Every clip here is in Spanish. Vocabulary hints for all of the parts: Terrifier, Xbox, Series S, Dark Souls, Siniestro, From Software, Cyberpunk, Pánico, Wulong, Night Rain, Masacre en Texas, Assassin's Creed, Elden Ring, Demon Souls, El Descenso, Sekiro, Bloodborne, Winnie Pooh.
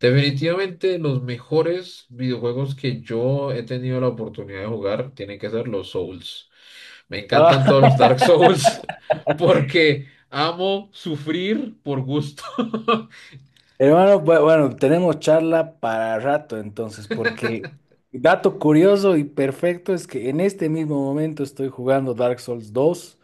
Definitivamente los mejores videojuegos que yo he tenido la oportunidad de jugar tienen que ser los Souls. Me Ah, encantan todos los Dark Souls porque amo sufrir por gusto. hermano, bueno, tenemos charla para rato entonces, porque dato curioso y perfecto es que en este mismo momento estoy jugando Dark Souls dos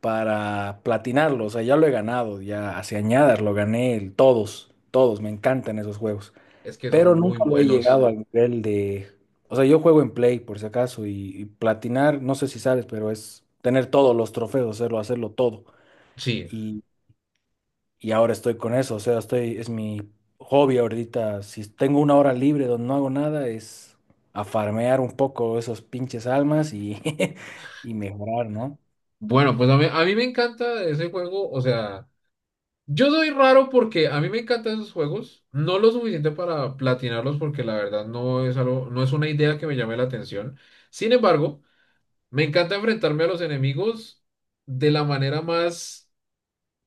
para platinarlo, o sea, ya lo he ganado, ya hace añadas lo gané, todos, todos, me encantan esos juegos, Es que son pero muy nunca lo he buenos. llegado al nivel de, o sea, yo juego en Play por si acaso y platinar, no sé si sabes, pero es tener todos los trofeos, hacerlo, hacerlo todo. Sí. Y ahora estoy con eso, o sea, estoy, es mi hobby ahorita, si tengo una hora libre donde no hago nada, es a farmear un poco esos pinches almas y, y mejorar, ¿no? Bueno, pues a mí me encanta ese juego. O sea, yo soy raro porque a mí me encantan esos juegos. No lo suficiente para platinarlos porque la verdad no es algo, no es una idea que me llame la atención. Sin embargo, me encanta enfrentarme a los enemigos de la manera más,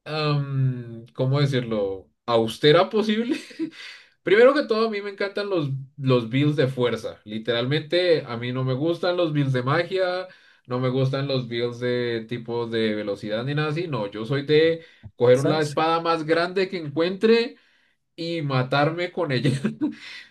¿cómo decirlo?, austera posible. Primero que todo, a mí me encantan los builds de fuerza. Literalmente, a mí no me gustan los builds de magia, no me gustan los builds de tipo de velocidad ni nada así. No, yo soy de coger la Esa, sí. espada más grande que encuentre y matarme con ella.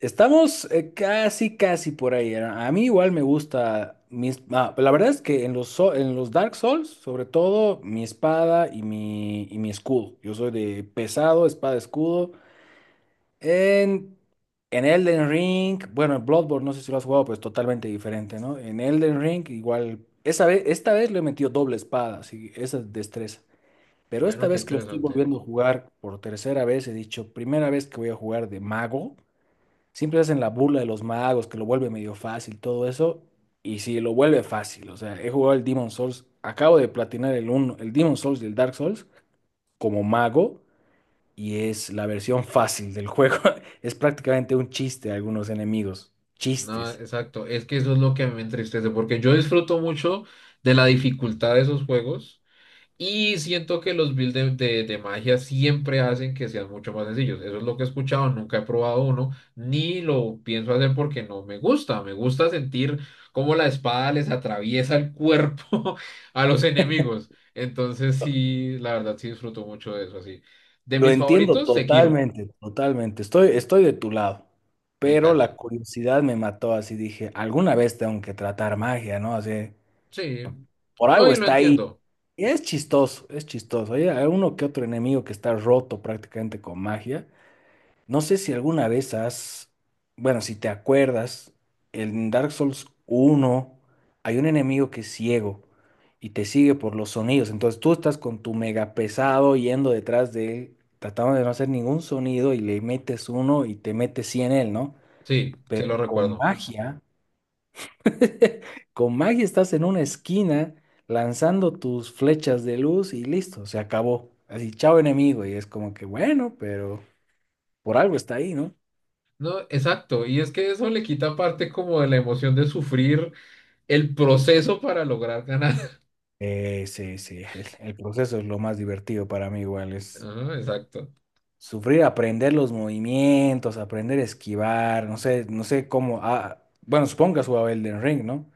Estamos casi, casi por ahí. A mí igual me gusta mis... ah, la verdad es que en los, en los Dark Souls, sobre todo, mi espada y mi escudo. Yo soy de pesado, espada, escudo. En, en Elden Ring, bueno, en Bloodborne, no sé si lo has jugado, pues totalmente diferente, ¿no? En Elden Ring, igual, esa vez, esta vez le he metido doble espada, así, esa destreza. Pero esta Bueno, qué vez que lo estoy interesante. volviendo a jugar por tercera vez, he dicho, primera vez que voy a jugar de mago, siempre hacen la burla de los magos, que lo vuelve medio fácil, todo eso, y sí, lo vuelve fácil, o sea, he jugado el Demon Souls, acabo de platinar el uno el Demon Souls y el Dark Souls como mago y es la versión fácil del juego. Es prácticamente un chiste a algunos enemigos. No, Chistes. exacto. Es que eso es lo que a mí me entristece, porque yo disfruto mucho de la dificultad de esos juegos y siento que los builds de magia siempre hacen que sean mucho más sencillos. Eso es lo que he escuchado, nunca he probado uno, ni lo pienso hacer porque no me gusta. Me gusta sentir cómo la espada les atraviesa el cuerpo a los enemigos. Entonces sí, la verdad sí disfruto mucho de eso, así. De Lo mis entiendo favoritos, Sekiro. totalmente, totalmente. Estoy, estoy de tu lado. Me Pero encanta. la curiosidad me mató, así dije, alguna vez tengo que tratar magia, ¿no? Así, Sí. por No, algo y lo está ahí. entiendo. Y es chistoso, es chistoso. Hay uno que otro enemigo que está roto prácticamente con magia. No sé si alguna vez has, bueno, si te acuerdas, en Dark Souls uno hay un enemigo que es ciego y te sigue por los sonidos. Entonces tú estás con tu mega pesado yendo detrás de él, tratando de no hacer ningún sonido y le metes uno y te metes 100 en él, ¿no? Sí, se Pero lo con recuerdo. magia, con magia estás en una esquina lanzando tus flechas de luz y listo, se acabó. Así, chao enemigo. Y es como que, bueno, pero por algo está ahí, ¿no? No, exacto, y es que eso le quita parte como de la emoción de sufrir el proceso para lograr ganar. Sí, sí, el proceso es lo más divertido para mí igual, es Ah, exacto. sufrir, aprender los movimientos, aprender a esquivar, no sé, no sé cómo, ah, bueno, supongo que has jugado Elden Ring, ¿no?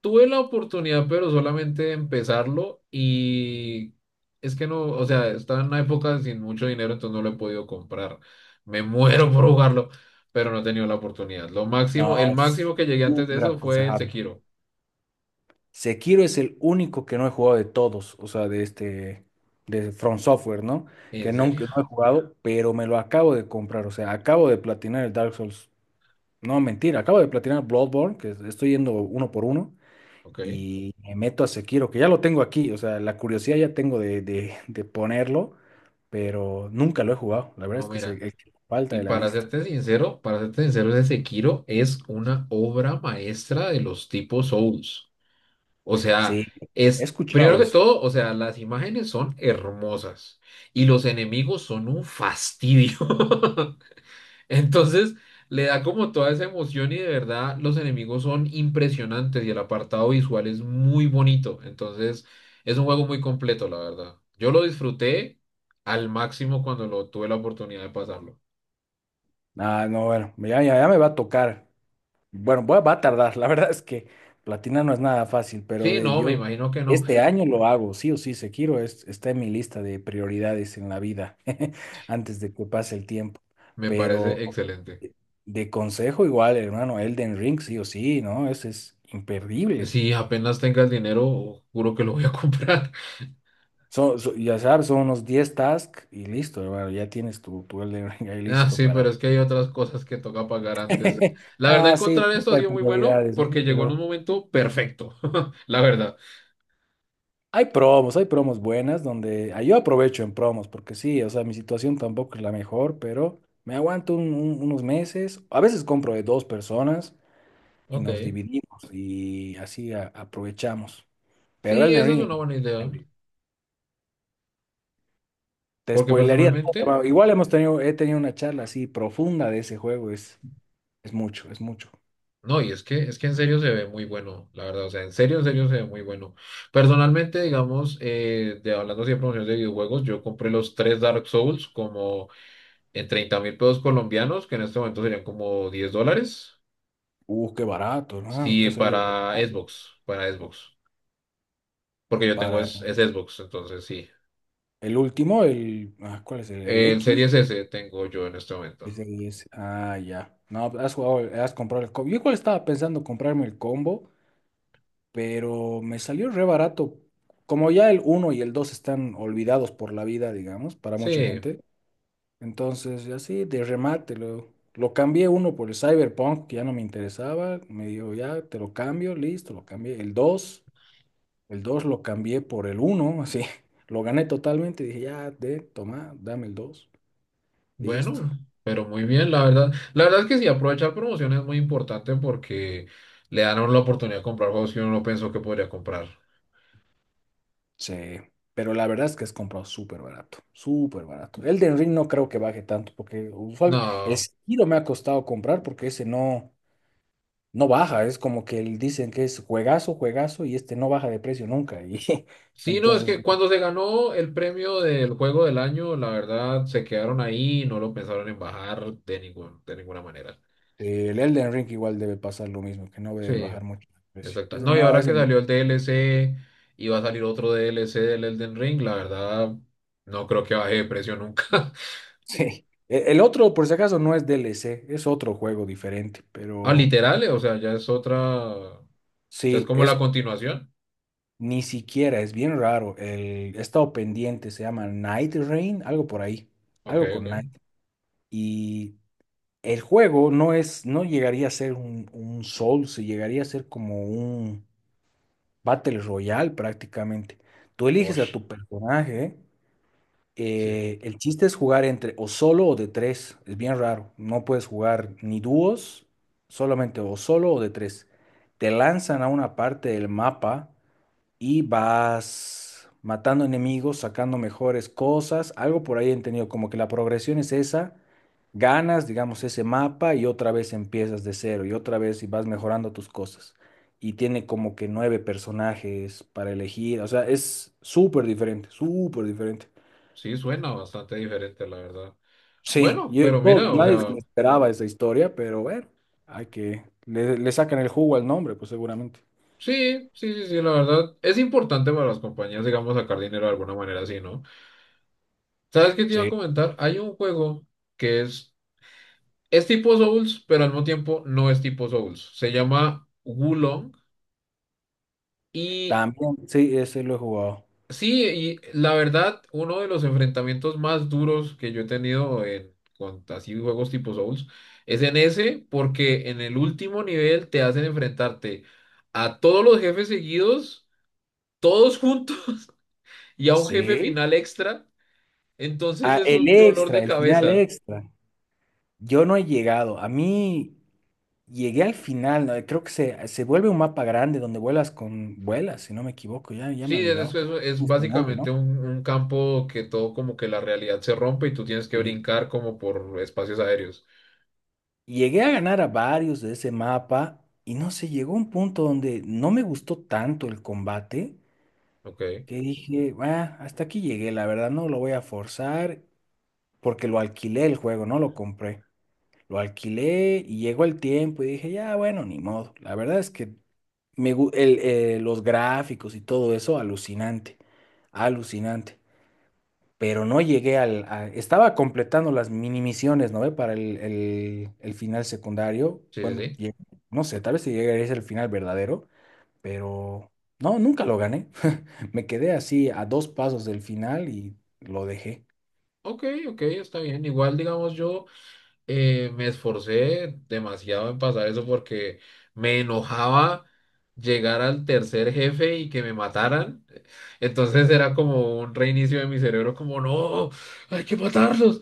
Tuve la oportunidad, pero solamente de empezarlo y es que no, o sea, estaba en una época sin mucho dinero, entonces no lo he podido comprar. Me muero por jugarlo, pero no he tenido la oportunidad. Lo No, máximo, el máximo es que llegué antes de súper eso fue el aconsejable. Sekiro. Sekiro es el único que no he jugado de todos, o sea, de este, de From Software, ¿no? ¿En Que serio? nunca no he jugado, pero me lo acabo de comprar, o sea, acabo de platinar el Dark Souls, no, mentira, acabo de platinar Bloodborne, que estoy yendo uno por uno. Ok. Y me meto a Sekiro, que ya lo tengo aquí, o sea, la curiosidad ya tengo de, de ponerlo, pero nunca lo he jugado. La verdad No, es que es mira. El que falta Y de la lista. Para serte sincero, ese Sekiro es una obra maestra de los tipos Souls. O sea, Sí, he es, escuchado primero que eso. todo, o sea, las imágenes son hermosas y los enemigos son un fastidio. Entonces, le da como toda esa emoción y de verdad los enemigos son impresionantes y el apartado visual es muy bonito. Entonces, es un juego muy completo, la verdad. Yo lo disfruté al máximo cuando lo tuve la oportunidad de pasarlo. Ah, no, bueno, ya, ya, ya me va a tocar. Bueno, va a tardar. La verdad es que platinar no es nada fácil, pero Sí, de no, me yo imagino que no. este año lo hago, sí o sí, Sekiro es, está en mi lista de prioridades en la vida, antes de que pase el tiempo. Me Pero parece excelente. de consejo igual, hermano, Elden Ring, sí o sí, ¿no? Ese es imperdible. Si apenas tenga el dinero, juro que lo voy a comprar. Ya sabes, son unos 10 tasks y listo, hermano, ya tienes tu, tu Elden Ring ahí Ah, listo sí, pero para... es que hay otras cosas que toca pagar antes. La verdad, Ah, sí, encontrar esto ha siempre hay sido muy bueno prioridades, ¿no? porque llegó en un Pero momento perfecto. La verdad. Hay promos buenas donde... ah, yo aprovecho en promos porque sí, o sea, mi situación tampoco es la mejor, pero me aguanto unos meses. A veces compro de dos personas y Ok. nos dividimos y así aprovechamos. Pero Sí, Elden esa es Ring... una buena idea. Te Porque spoilearía personalmente, todo. Igual hemos tenido, he tenido una charla así profunda de ese juego. Es mucho, es mucho. no, y es que en serio se ve muy bueno, la verdad. O sea, en serio se ve muy bueno. Personalmente, digamos, de hablando así de promociones de videojuegos, yo compré los tres Dark Souls como en 30.000 pesos colombianos, que en este momento serían como 10 dólares. Qué barato, ¿no? Te Sí, ha salido para regalado. Xbox, para Xbox. Porque yo tengo Para es Xbox, entonces sí. el último, el, ah, ¿cuál es? El El X? Series S tengo yo en este momento. Es el S. Ah, ya. No, has jugado, has comprado el combo. Yo igual estaba pensando comprarme el combo, pero me salió re barato. Como ya el uno y el 2 están olvidados por la vida, digamos, para mucha Sí, gente, entonces, así de remate, lo cambié uno por el Cyberpunk, que ya no me interesaba. Me dijo, ya te lo cambio, listo, lo cambié. El 2 lo cambié por el uno así. Lo gané totalmente. Dije, ya, de, toma, dame el 2 listo. bueno, pero muy bien, la verdad. La verdad es que sí, aprovechar promociones es muy importante porque le dan a uno la oportunidad de comprar juegos que uno no pensó que podría comprar. Sí, pero la verdad es que es comprado súper barato, súper barato. El de Ring no creo que baje tanto, porque usualmente el No. Sekiro me ha costado comprar porque ese no. No baja, es como que dicen que es juegazo, juegazo, y este no baja de precio nunca. Y Sí, no, es entonces, que cuando se ganó el premio del juego del año, la verdad se quedaron ahí y no lo pensaron en bajar de ningún, de ninguna manera. El Elden Ring igual debe pasar lo mismo, que no debe Sí, bajar mucho el precio. exacto. Ese No, y no, ahora ese, que salió el DLC y va a salir otro DLC del Elden Ring, la verdad, no creo que baje de precio nunca. sí. El otro, por si acaso, no es DLC, es otro juego diferente, Ah, pero literal, o sea, ya es otra. O sea, es sí, como la es continuación. ni siquiera, es bien raro. El, he estado pendiente, se llama Night Rain, algo por ahí, Ok, algo con ok. Night. Y el juego no es, no llegaría a ser un Souls, llegaría a ser como un Battle Royale prácticamente. Tú eliges a Osh, tu personaje sí. El chiste es jugar entre o solo o de tres. Es bien raro. No puedes jugar ni dúos, solamente o solo o de tres. Te lanzan a una parte del mapa y vas matando enemigos, sacando mejores cosas. Algo por ahí he entendido, como que la progresión es esa. Ganas, digamos, ese mapa y otra vez empiezas de cero y otra vez y vas mejorando tus cosas. Y tiene como que nueve personajes para elegir. O sea, es súper diferente, súper diferente. Sí, suena bastante diferente, la verdad. Sí, Bueno, pero mira, o nadie se sea, le esperaba esa historia, pero bueno, hay que, le sacan el jugo al nombre, pues seguramente. sí, sí, sí, sí, la verdad. Es importante para las compañías, digamos, sacar dinero de alguna manera así, ¿no? ¿Sabes qué te iba a Sí, comentar? Hay un juego que es tipo Souls, pero al mismo tiempo no es tipo Souls. Se llama Wulong. Y también, sí, ese lo he jugado. sí, y la verdad, uno de los enfrentamientos más duros que yo he tenido en, con así juegos tipo Souls es en ese, porque en el último nivel te hacen enfrentarte a todos los jefes seguidos, todos juntos, y a un jefe Sí. final extra. Entonces Ah, es el un dolor extra, de el final cabeza. extra. Yo no he llegado. A mí llegué al final, ¿no? Creo que se vuelve un mapa grande donde vuelas con vuelas, si no me equivoco. Ya, ya me Sí, he olvidado. Creo que es es con nube, básicamente ¿no? Un campo que todo como que la realidad se rompe y tú tienes que Sí. brincar como por espacios aéreos. Llegué a ganar a varios de ese mapa y no sé, llegó un punto donde no me gustó tanto el combate Ok, que dije, va, hasta aquí llegué, la verdad, no lo voy a forzar porque lo alquilé el juego, no lo compré. Lo alquilé y llegó el tiempo y dije, ya, bueno, ni modo. La verdad es que me, el, los gráficos y todo eso, alucinante, alucinante. Pero no llegué al... estaba completando las mini misiones, ¿no ve? Para el, el final secundario. sí, sí, Bueno, sí. No sé, tal vez si llegaría a ser el final verdadero pero no, nunca lo gané. Me quedé así a dos pasos del final y lo dejé. Ok, ok, está bien. Igual, digamos, yo me esforcé demasiado en pasar eso porque me enojaba llegar al tercer jefe y que me mataran. Entonces era como un reinicio de mi cerebro, como, no, hay que matarlos.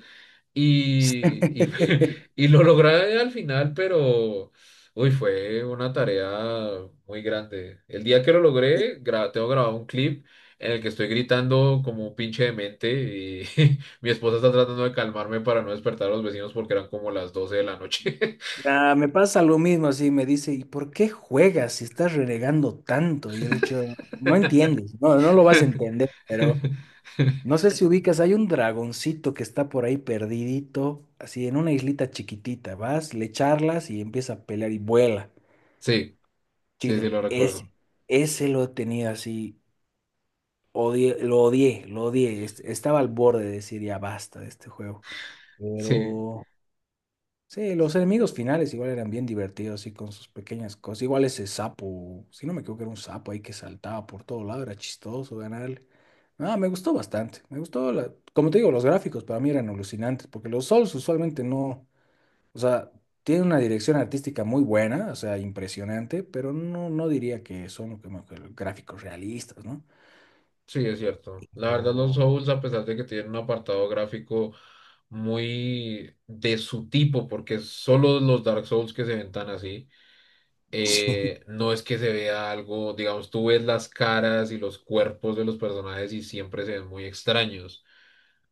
y, y, y lo logré al final, pero uy, fue una tarea muy grande. El día que lo logré, tengo grabado un clip en el que estoy gritando como un pinche demente y mi esposa está tratando de calmarme para no despertar a los vecinos porque eran como las 12 de la noche. Ah, me pasa lo mismo, así me dice, ¿y por qué juegas si estás renegando tanto? Y yo le he dicho, no entiendes, no, no lo vas a entender, pero no sé si ubicas, hay un dragoncito que está por ahí perdidito, así en una islita chiquitita, vas, le charlas y empieza a pelear y vuela. Sí, sí, sí, Chido, lo recuerdo. ese lo he tenido así. Odié, lo odié, lo odié. Estaba al borde de decir ya basta de este juego. Sí. Pero sí, los enemigos finales igual eran bien divertidos y con sus pequeñas cosas. Igual ese sapo, si no me equivoco, era un sapo ahí que saltaba por todo lado, era chistoso ganarle. Ah, me gustó bastante. Me gustó, como te digo, los gráficos para mí eran alucinantes, porque los Souls usualmente no, o sea, tienen una dirección artística muy buena, o sea, impresionante, pero no, no diría que son como que gráficos realistas, ¿no? Sí, es cierto. La verdad, los O- Souls, a pesar de que tienen un apartado gráfico muy de su tipo, porque solo los Dark Souls que se ven tan así, sí. No es que se vea algo, digamos, tú ves las caras y los cuerpos de los personajes y siempre se ven muy extraños.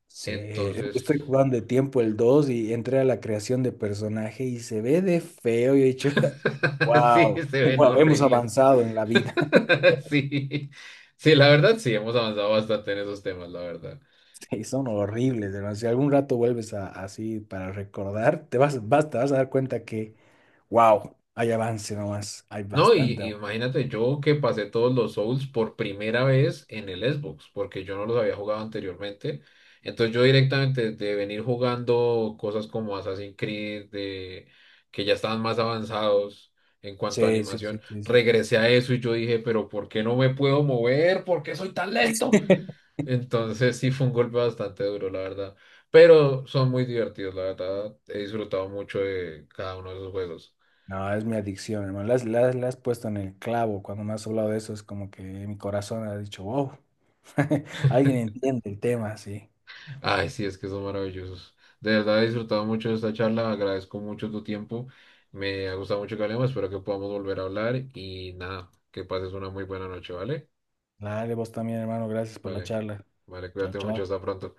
Sí, Entonces, estoy jugando de tiempo el 2 y entré a la creación de personaje y se ve de feo. Y he dicho, sí, wow, se ven wow, hemos horribles. avanzado en la vida. Sí, sí, la verdad, sí, hemos avanzado bastante en esos temas, la verdad. Sí, son horribles, hermano. Si algún rato vuelves así para recordar, te vas, vas, te vas a dar cuenta que, wow, hay avance nomás, hay No, y bastante y avance". imagínate yo que pasé todos los Souls por primera vez en el Xbox, porque yo no los había jugado anteriormente. Entonces yo directamente de venir jugando cosas como Assassin's Creed, de, que ya estaban más avanzados en cuanto a Sí, sí, sí, animación, sí, sí. regresé a eso y yo dije, pero ¿por qué no me puedo mover? ¿Por qué soy tan lento? Entonces sí fue un golpe bastante duro, la verdad. Pero son muy divertidos, la verdad. He disfrutado mucho de cada uno de esos juegos. No, es mi adicción, hermano. La has, la has puesto en el clavo. Cuando me has hablado de eso, es como que mi corazón ha dicho, wow, alguien entiende el tema, sí. Ay, sí, es que son maravillosos. De verdad he disfrutado mucho de esta charla, agradezco mucho tu tiempo, me ha gustado mucho que hablemos, espero que podamos volver a hablar y nada, que pases una muy buena noche, ¿vale? Dale, vos también, hermano. Gracias por la Vale, charla. vale, Chao, cuídate mucho, chao. hasta pronto.